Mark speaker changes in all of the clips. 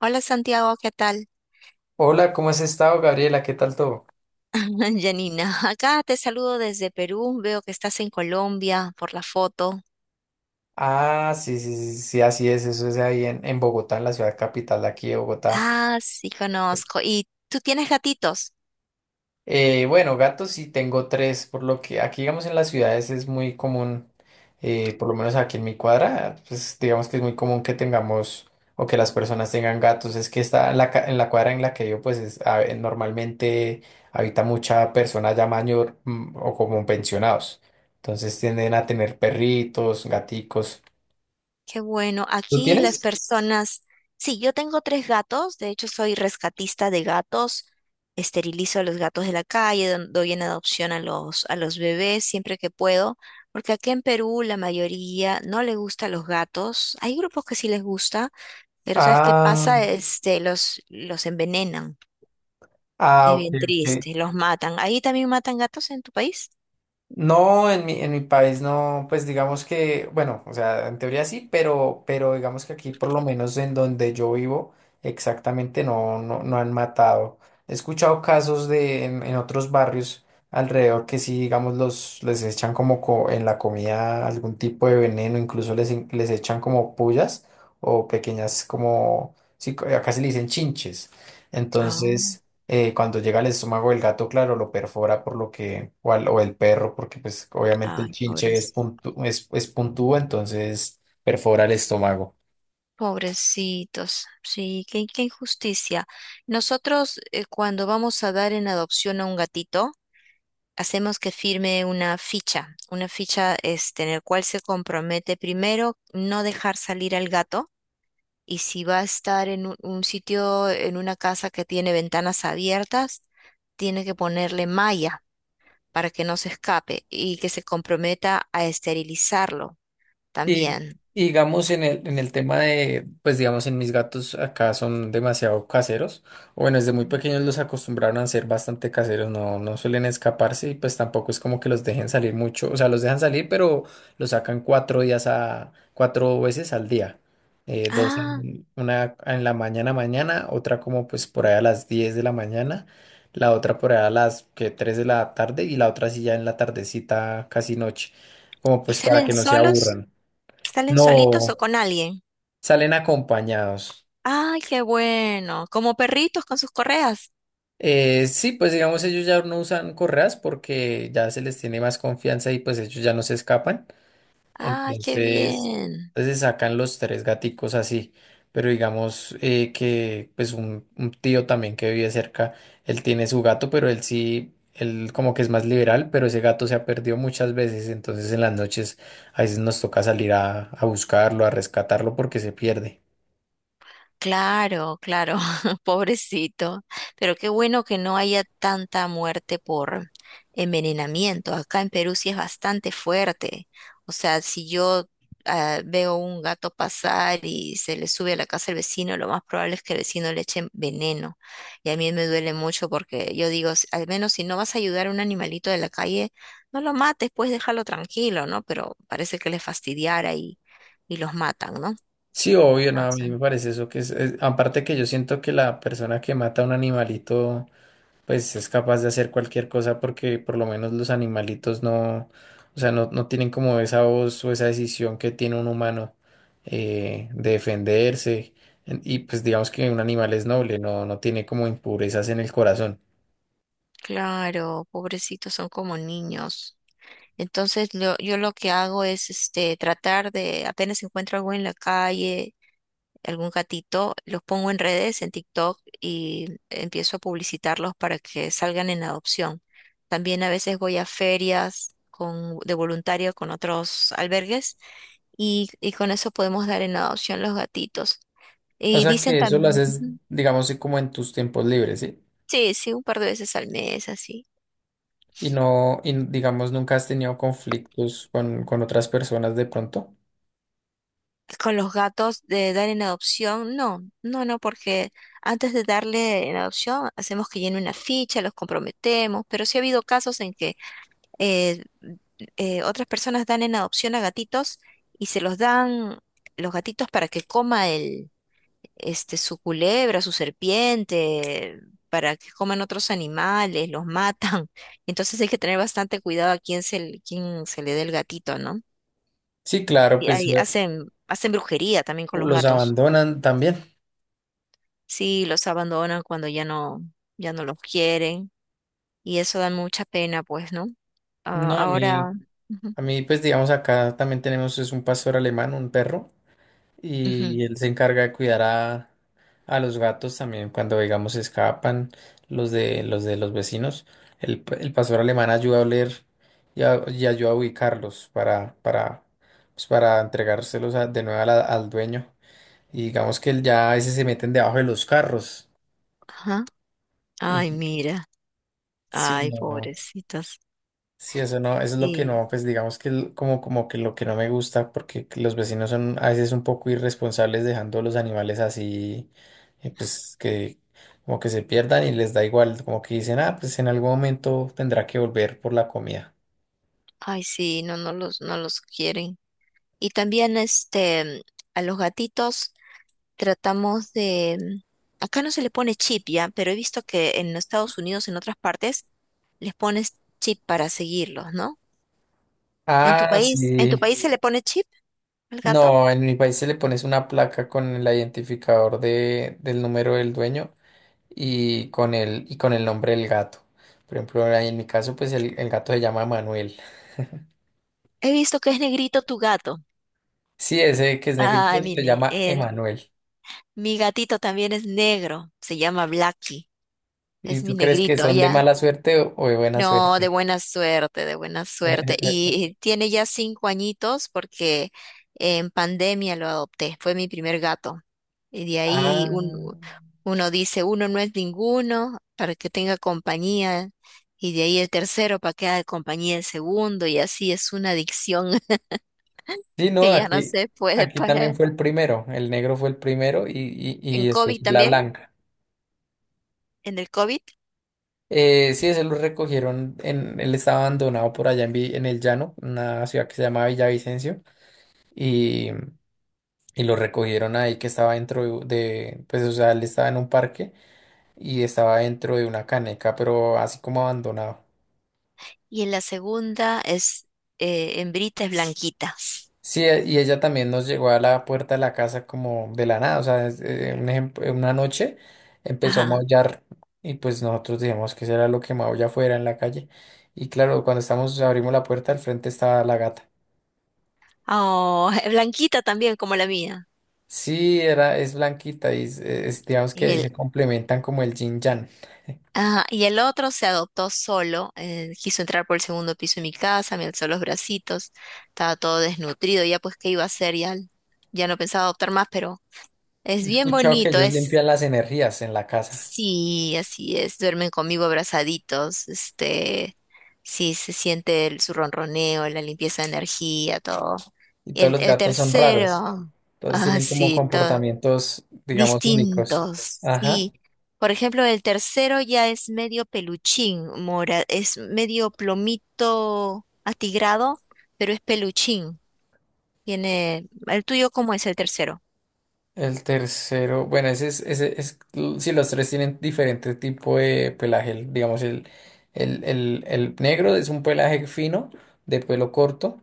Speaker 1: Hola Santiago, ¿qué tal?
Speaker 2: Hola, ¿cómo has estado, Gabriela? ¿Qué tal todo?
Speaker 1: Janina, acá te saludo desde Perú, veo que estás en Colombia por la foto.
Speaker 2: Ah, sí, sí, sí, sí, así es, eso es ahí en Bogotá, en la ciudad capital de aquí de Bogotá.
Speaker 1: Ah, sí, conozco. ¿Y tú tienes gatitos?
Speaker 2: Bueno, gatos sí tengo tres, por lo que aquí, digamos, en las ciudades es muy común, por lo menos aquí en mi cuadra, pues digamos que es muy común que tengamos o que las personas tengan gatos. Es que está en la cuadra en la que yo, pues normalmente habita mucha persona ya mayor o como pensionados. Entonces tienden a tener perritos, gaticos.
Speaker 1: Qué bueno,
Speaker 2: ¿Tú
Speaker 1: aquí las
Speaker 2: tienes?
Speaker 1: personas... Sí, yo tengo tres gatos, de hecho soy rescatista de gatos, esterilizo a los gatos de la calle, doy en adopción a a los bebés siempre que puedo, porque aquí en Perú la mayoría no le gustan los gatos, hay grupos que sí les gusta. Pero ¿sabes qué
Speaker 2: Ah,
Speaker 1: pasa? Este, los envenenan.
Speaker 2: ah,
Speaker 1: Es
Speaker 2: ok,
Speaker 1: bien
Speaker 2: ok.
Speaker 1: triste, los matan. ¿Ahí también matan gatos en tu país?
Speaker 2: No, en mi país no, pues digamos que, bueno, o sea, en teoría sí, pero digamos que aquí por lo menos en donde yo vivo, exactamente no, no, no han matado. He escuchado casos en otros barrios alrededor que sí, digamos, les echan en la comida algún tipo de veneno, incluso les echan como pullas o pequeñas como, sí, acá se le dicen chinches.
Speaker 1: Ah,
Speaker 2: Entonces. Cuando llega al estómago del gato, claro, lo perfora por lo que, o el perro, porque pues obviamente el
Speaker 1: ay,
Speaker 2: chinche es
Speaker 1: pobrecitos.
Speaker 2: puntu- es, es puntúo, entonces perfora el estómago.
Speaker 1: Pobrecitos. Sí, qué injusticia. Nosotros, cuando vamos a dar en adopción a un gatito, hacemos que firme una ficha este, en la cual se compromete primero no dejar salir al gato, y si va a estar en un sitio, en una casa que tiene ventanas abiertas, tiene que ponerle malla para que no se escape y que se comprometa a esterilizarlo
Speaker 2: Y
Speaker 1: también.
Speaker 2: y digamos en el tema de, pues digamos en mis gatos acá son demasiado caseros, o bueno, desde muy pequeños los acostumbraron a ser bastante caseros, no, no suelen escaparse y pues tampoco es como que los dejen salir mucho, o sea, los dejan salir, pero los sacan 4 veces al día,
Speaker 1: Ah,
Speaker 2: una en la mañana mañana, otra como pues por ahí a las 10 de la mañana, la otra por ahí a las que 3 de la tarde y la otra sí ya en la tardecita casi noche, como
Speaker 1: ¿y
Speaker 2: pues para
Speaker 1: salen
Speaker 2: que no se
Speaker 1: solos?
Speaker 2: aburran.
Speaker 1: ¿Salen solitos o
Speaker 2: No,
Speaker 1: con alguien?
Speaker 2: salen acompañados.
Speaker 1: Ay, qué bueno, como perritos con sus correas.
Speaker 2: Sí, pues digamos ellos ya no usan correas porque ya se les tiene más confianza y pues ellos ya no se escapan.
Speaker 1: Ay, qué
Speaker 2: Entonces,
Speaker 1: bien.
Speaker 2: entonces sacan los tres gaticos así. Pero digamos que pues un tío también que vive cerca, él tiene su gato, pero él sí, él como que es más liberal, pero ese gato se ha perdido muchas veces. Entonces en las noches a veces nos toca salir a buscarlo, a rescatarlo porque se pierde.
Speaker 1: Claro, claro, pobrecito. Pero qué bueno que no haya tanta muerte por envenenamiento. Acá en Perú sí es bastante fuerte. O sea, si yo veo un gato pasar y se le sube a la casa el vecino, lo más probable es que el vecino le eche veneno. Y a mí me duele mucho porque yo digo: Al menos si no vas a ayudar a un animalito de la calle, no lo mates, pues déjalo tranquilo, ¿no?". Pero parece que les fastidiara y los matan, ¿no?
Speaker 2: Sí, obvio, no, a mí me parece eso que aparte que yo siento que la persona que mata a un animalito, pues es capaz de hacer cualquier cosa porque por lo menos los animalitos no, o sea, no, no tienen como esa voz o esa decisión que tiene un humano de defenderse. Y pues digamos que un animal es noble, no, no tiene como impurezas en el corazón.
Speaker 1: Claro, pobrecitos, son como niños. Entonces yo lo que hago es este tratar de, apenas encuentro algo en la calle, algún gatito, los pongo en redes, en TikTok y empiezo a publicitarlos para que salgan en adopción. También a veces voy a ferias con, de voluntario con otros albergues, y con eso podemos dar en adopción los gatitos.
Speaker 2: O
Speaker 1: Y
Speaker 2: sea
Speaker 1: dicen
Speaker 2: que eso lo
Speaker 1: también,
Speaker 2: haces, digamos, sí, como en tus tiempos libres, ¿sí?
Speaker 1: sí, sí, un par de veces al mes, así.
Speaker 2: Y no, y digamos, nunca has tenido conflictos con otras personas de pronto.
Speaker 1: Con los gatos de dar en adopción. No, no, no, porque antes de darle en adopción hacemos que llene una ficha, los comprometemos, pero sí ha habido casos en que eh, otras personas dan en adopción a gatitos y se los dan, los gatitos, para que coma este, su culebra, su serpiente, para que coman otros animales, los matan. Entonces hay que tener bastante cuidado a quién quién se le dé el gatito, ¿no?
Speaker 2: Sí, claro,
Speaker 1: Y
Speaker 2: pues
Speaker 1: ahí hacen, hacen brujería también con los
Speaker 2: los
Speaker 1: gatos.
Speaker 2: abandonan también.
Speaker 1: Sí, los abandonan cuando ya no, ya no los quieren, y eso da mucha pena, pues, ¿no? Ah,
Speaker 2: No,
Speaker 1: ahora, ujú,
Speaker 2: a mí, pues digamos acá también tenemos es un pastor alemán, un perro,
Speaker 1: ujú,
Speaker 2: y, él se encarga de cuidar a los gatos también cuando digamos se escapan los de los vecinos. El pastor alemán ayuda a oler y, y ayuda a ubicarlos para pues, para entregárselos de nuevo a al dueño. Y digamos que él ya a veces se meten debajo de los carros.
Speaker 1: ajá.
Speaker 2: Y
Speaker 1: Ay, mira,
Speaker 2: sí,
Speaker 1: ay,
Speaker 2: no.
Speaker 1: pobrecitas.
Speaker 2: Sí, eso no, eso es lo que
Speaker 1: Y,
Speaker 2: no, pues digamos que como, como que lo que no me gusta, porque que los vecinos son a veces un poco irresponsables dejando los animales así, pues que como que se pierdan y les da igual, como que dicen, ah, pues en algún momento tendrá que volver por la comida.
Speaker 1: ay, sí, no, no los quieren. Y también, este, a los gatitos tratamos de, acá no se le pone chip ya, pero he visto que en Estados Unidos, en otras partes, les pones chip para seguirlos, ¿no?
Speaker 2: Ah,
Speaker 1: En tu
Speaker 2: sí.
Speaker 1: país se, sí, le pone chip al gato?
Speaker 2: No, en mi país se le pones una placa con el identificador del número del dueño y con el nombre del gato. Por ejemplo, ahí en mi caso, pues el gato se llama Manuel.
Speaker 1: He visto que es negrito tu gato.
Speaker 2: Sí, ese que es negrito
Speaker 1: Ah, sí,
Speaker 2: se
Speaker 1: mire,
Speaker 2: llama Emanuel.
Speaker 1: mi gatito también es negro. Se llama Blackie.
Speaker 2: ¿Y
Speaker 1: Es mi
Speaker 2: tú crees que
Speaker 1: negrito,
Speaker 2: son de
Speaker 1: ¿ya?
Speaker 2: mala suerte o de buena
Speaker 1: No, de
Speaker 2: suerte?
Speaker 1: buena suerte, de buena suerte. Y tiene ya 5 añitos, porque en pandemia lo adopté. Fue mi primer gato. Y de ahí
Speaker 2: Ah,
Speaker 1: uno dice, uno no es ninguno, para que tenga compañía. Y de ahí el tercero para que haga compañía el segundo. Y así es una adicción
Speaker 2: sí, no,
Speaker 1: que ya no
Speaker 2: aquí,
Speaker 1: se puede
Speaker 2: aquí también
Speaker 1: parar.
Speaker 2: fue el primero, el negro fue el primero y, y,
Speaker 1: En
Speaker 2: y después
Speaker 1: COVID
Speaker 2: fue la
Speaker 1: también,
Speaker 2: blanca.
Speaker 1: en el COVID.
Speaker 2: Sí, ese lo recogieron, él estaba abandonado por allá en el llano, una ciudad que se llama Villavicencio, y, y lo recogieron ahí que estaba dentro pues o sea, él estaba en un parque y estaba dentro de una caneca, pero así como abandonado.
Speaker 1: Y en la segunda es hembrita, es blanquita.
Speaker 2: Sí, y ella también nos llegó a la puerta de la casa como de la nada, o sea, un ejemplo, una noche empezó a
Speaker 1: Ajá.
Speaker 2: maullar y pues nosotros dijimos que será lo que maulla fuera en la calle. Y claro, cuando estamos, abrimos la puerta, al frente estaba la gata.
Speaker 1: Oh, blanquita también, como la mía.
Speaker 2: Sí, era, es blanquita y digamos
Speaker 1: Y
Speaker 2: que se
Speaker 1: el,
Speaker 2: complementan como el yin yang.
Speaker 1: ajá, y el otro se adoptó solo. Quiso entrar por el segundo piso de mi casa, me alzó los bracitos, estaba todo desnutrido. Ya pues, ¿qué iba a hacer? Ya, ya no pensaba adoptar más, pero es
Speaker 2: He
Speaker 1: bien
Speaker 2: escuchado que
Speaker 1: bonito.
Speaker 2: ellos
Speaker 1: Es,
Speaker 2: limpian las energías en la casa
Speaker 1: sí, así es, duermen conmigo abrazaditos, este, sí, se siente su ronroneo, la limpieza de energía, todo.
Speaker 2: y todos los
Speaker 1: El
Speaker 2: gatos son raros,
Speaker 1: tercero,
Speaker 2: todos
Speaker 1: ah,
Speaker 2: tienen como
Speaker 1: sí, todo,
Speaker 2: comportamientos, digamos, únicos.
Speaker 1: distintos,
Speaker 2: Ajá.
Speaker 1: sí. Por ejemplo, el tercero ya es medio peluchín, mora, es medio plomito atigrado, pero es peluchín. Tiene, ¿el tuyo cómo es el tercero?
Speaker 2: El tercero, bueno, ese es, si los tres tienen diferente tipo de pelaje, digamos, el negro es un pelaje fino, de pelo corto,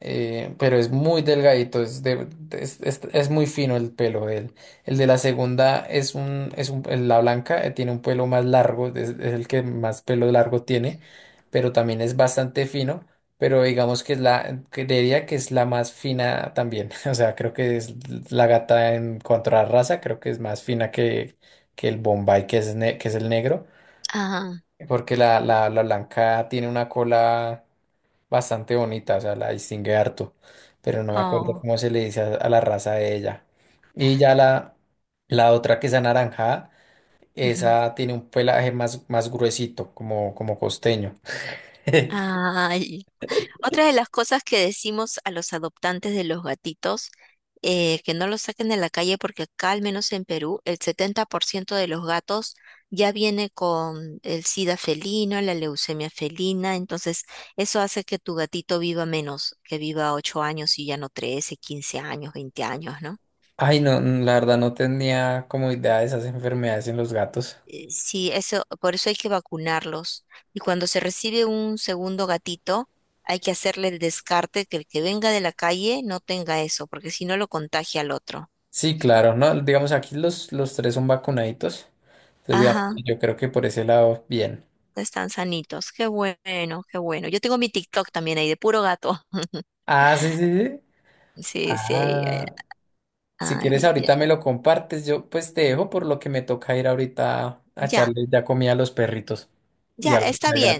Speaker 2: pero es muy delgadito, es muy fino el pelo de él. El de la segunda la blanca tiene un pelo más largo, es el que más pelo largo tiene, pero también es bastante fino, pero digamos que creería que es la más fina también, o sea, creo que es la gata en cuanto a raza, creo que es más fina que el Bombay, que es el negro
Speaker 1: Ah,
Speaker 2: porque la blanca tiene una cola bastante bonita, o sea, la distingue harto, pero no me acuerdo
Speaker 1: oh.
Speaker 2: cómo se le dice a la raza de ella. Y ya la otra que es anaranjada, esa tiene un pelaje más gruesito, como costeño.
Speaker 1: Ay. Otra de las cosas que decimos a los adoptantes de los gatitos, que no los saquen de la calle porque acá, al menos en Perú, el 70% de los gatos ya viene con el sida felino, la leucemia felina, entonces eso hace que tu gatito viva menos, que viva 8 años y ya no 13, 15 años, 20 años, ¿no?
Speaker 2: Ay, no, la verdad no tenía como idea de esas enfermedades en los gatos.
Speaker 1: Sí, eso, por eso hay que vacunarlos. Y cuando se recibe un segundo gatito, hay que hacerle el descarte, que el que venga de la calle no tenga eso, porque si no lo contagia al otro.
Speaker 2: Sí, claro, no, digamos aquí los tres son vacunaditos. Entonces, digamos,
Speaker 1: Ajá,
Speaker 2: yo creo que por ese lado, bien.
Speaker 1: están sanitos. Qué bueno, qué bueno. Yo tengo mi TikTok también ahí de puro gato.
Speaker 2: Ah, sí, sí, sí.
Speaker 1: Sí, sí, eh,
Speaker 2: Ah, si quieres,
Speaker 1: ya,
Speaker 2: ahorita me lo compartes. Yo pues te dejo por lo que me toca ir ahorita a
Speaker 1: ya,
Speaker 2: echarle ya comida a los perritos
Speaker 1: ya, está
Speaker 2: y al gato.
Speaker 1: bien.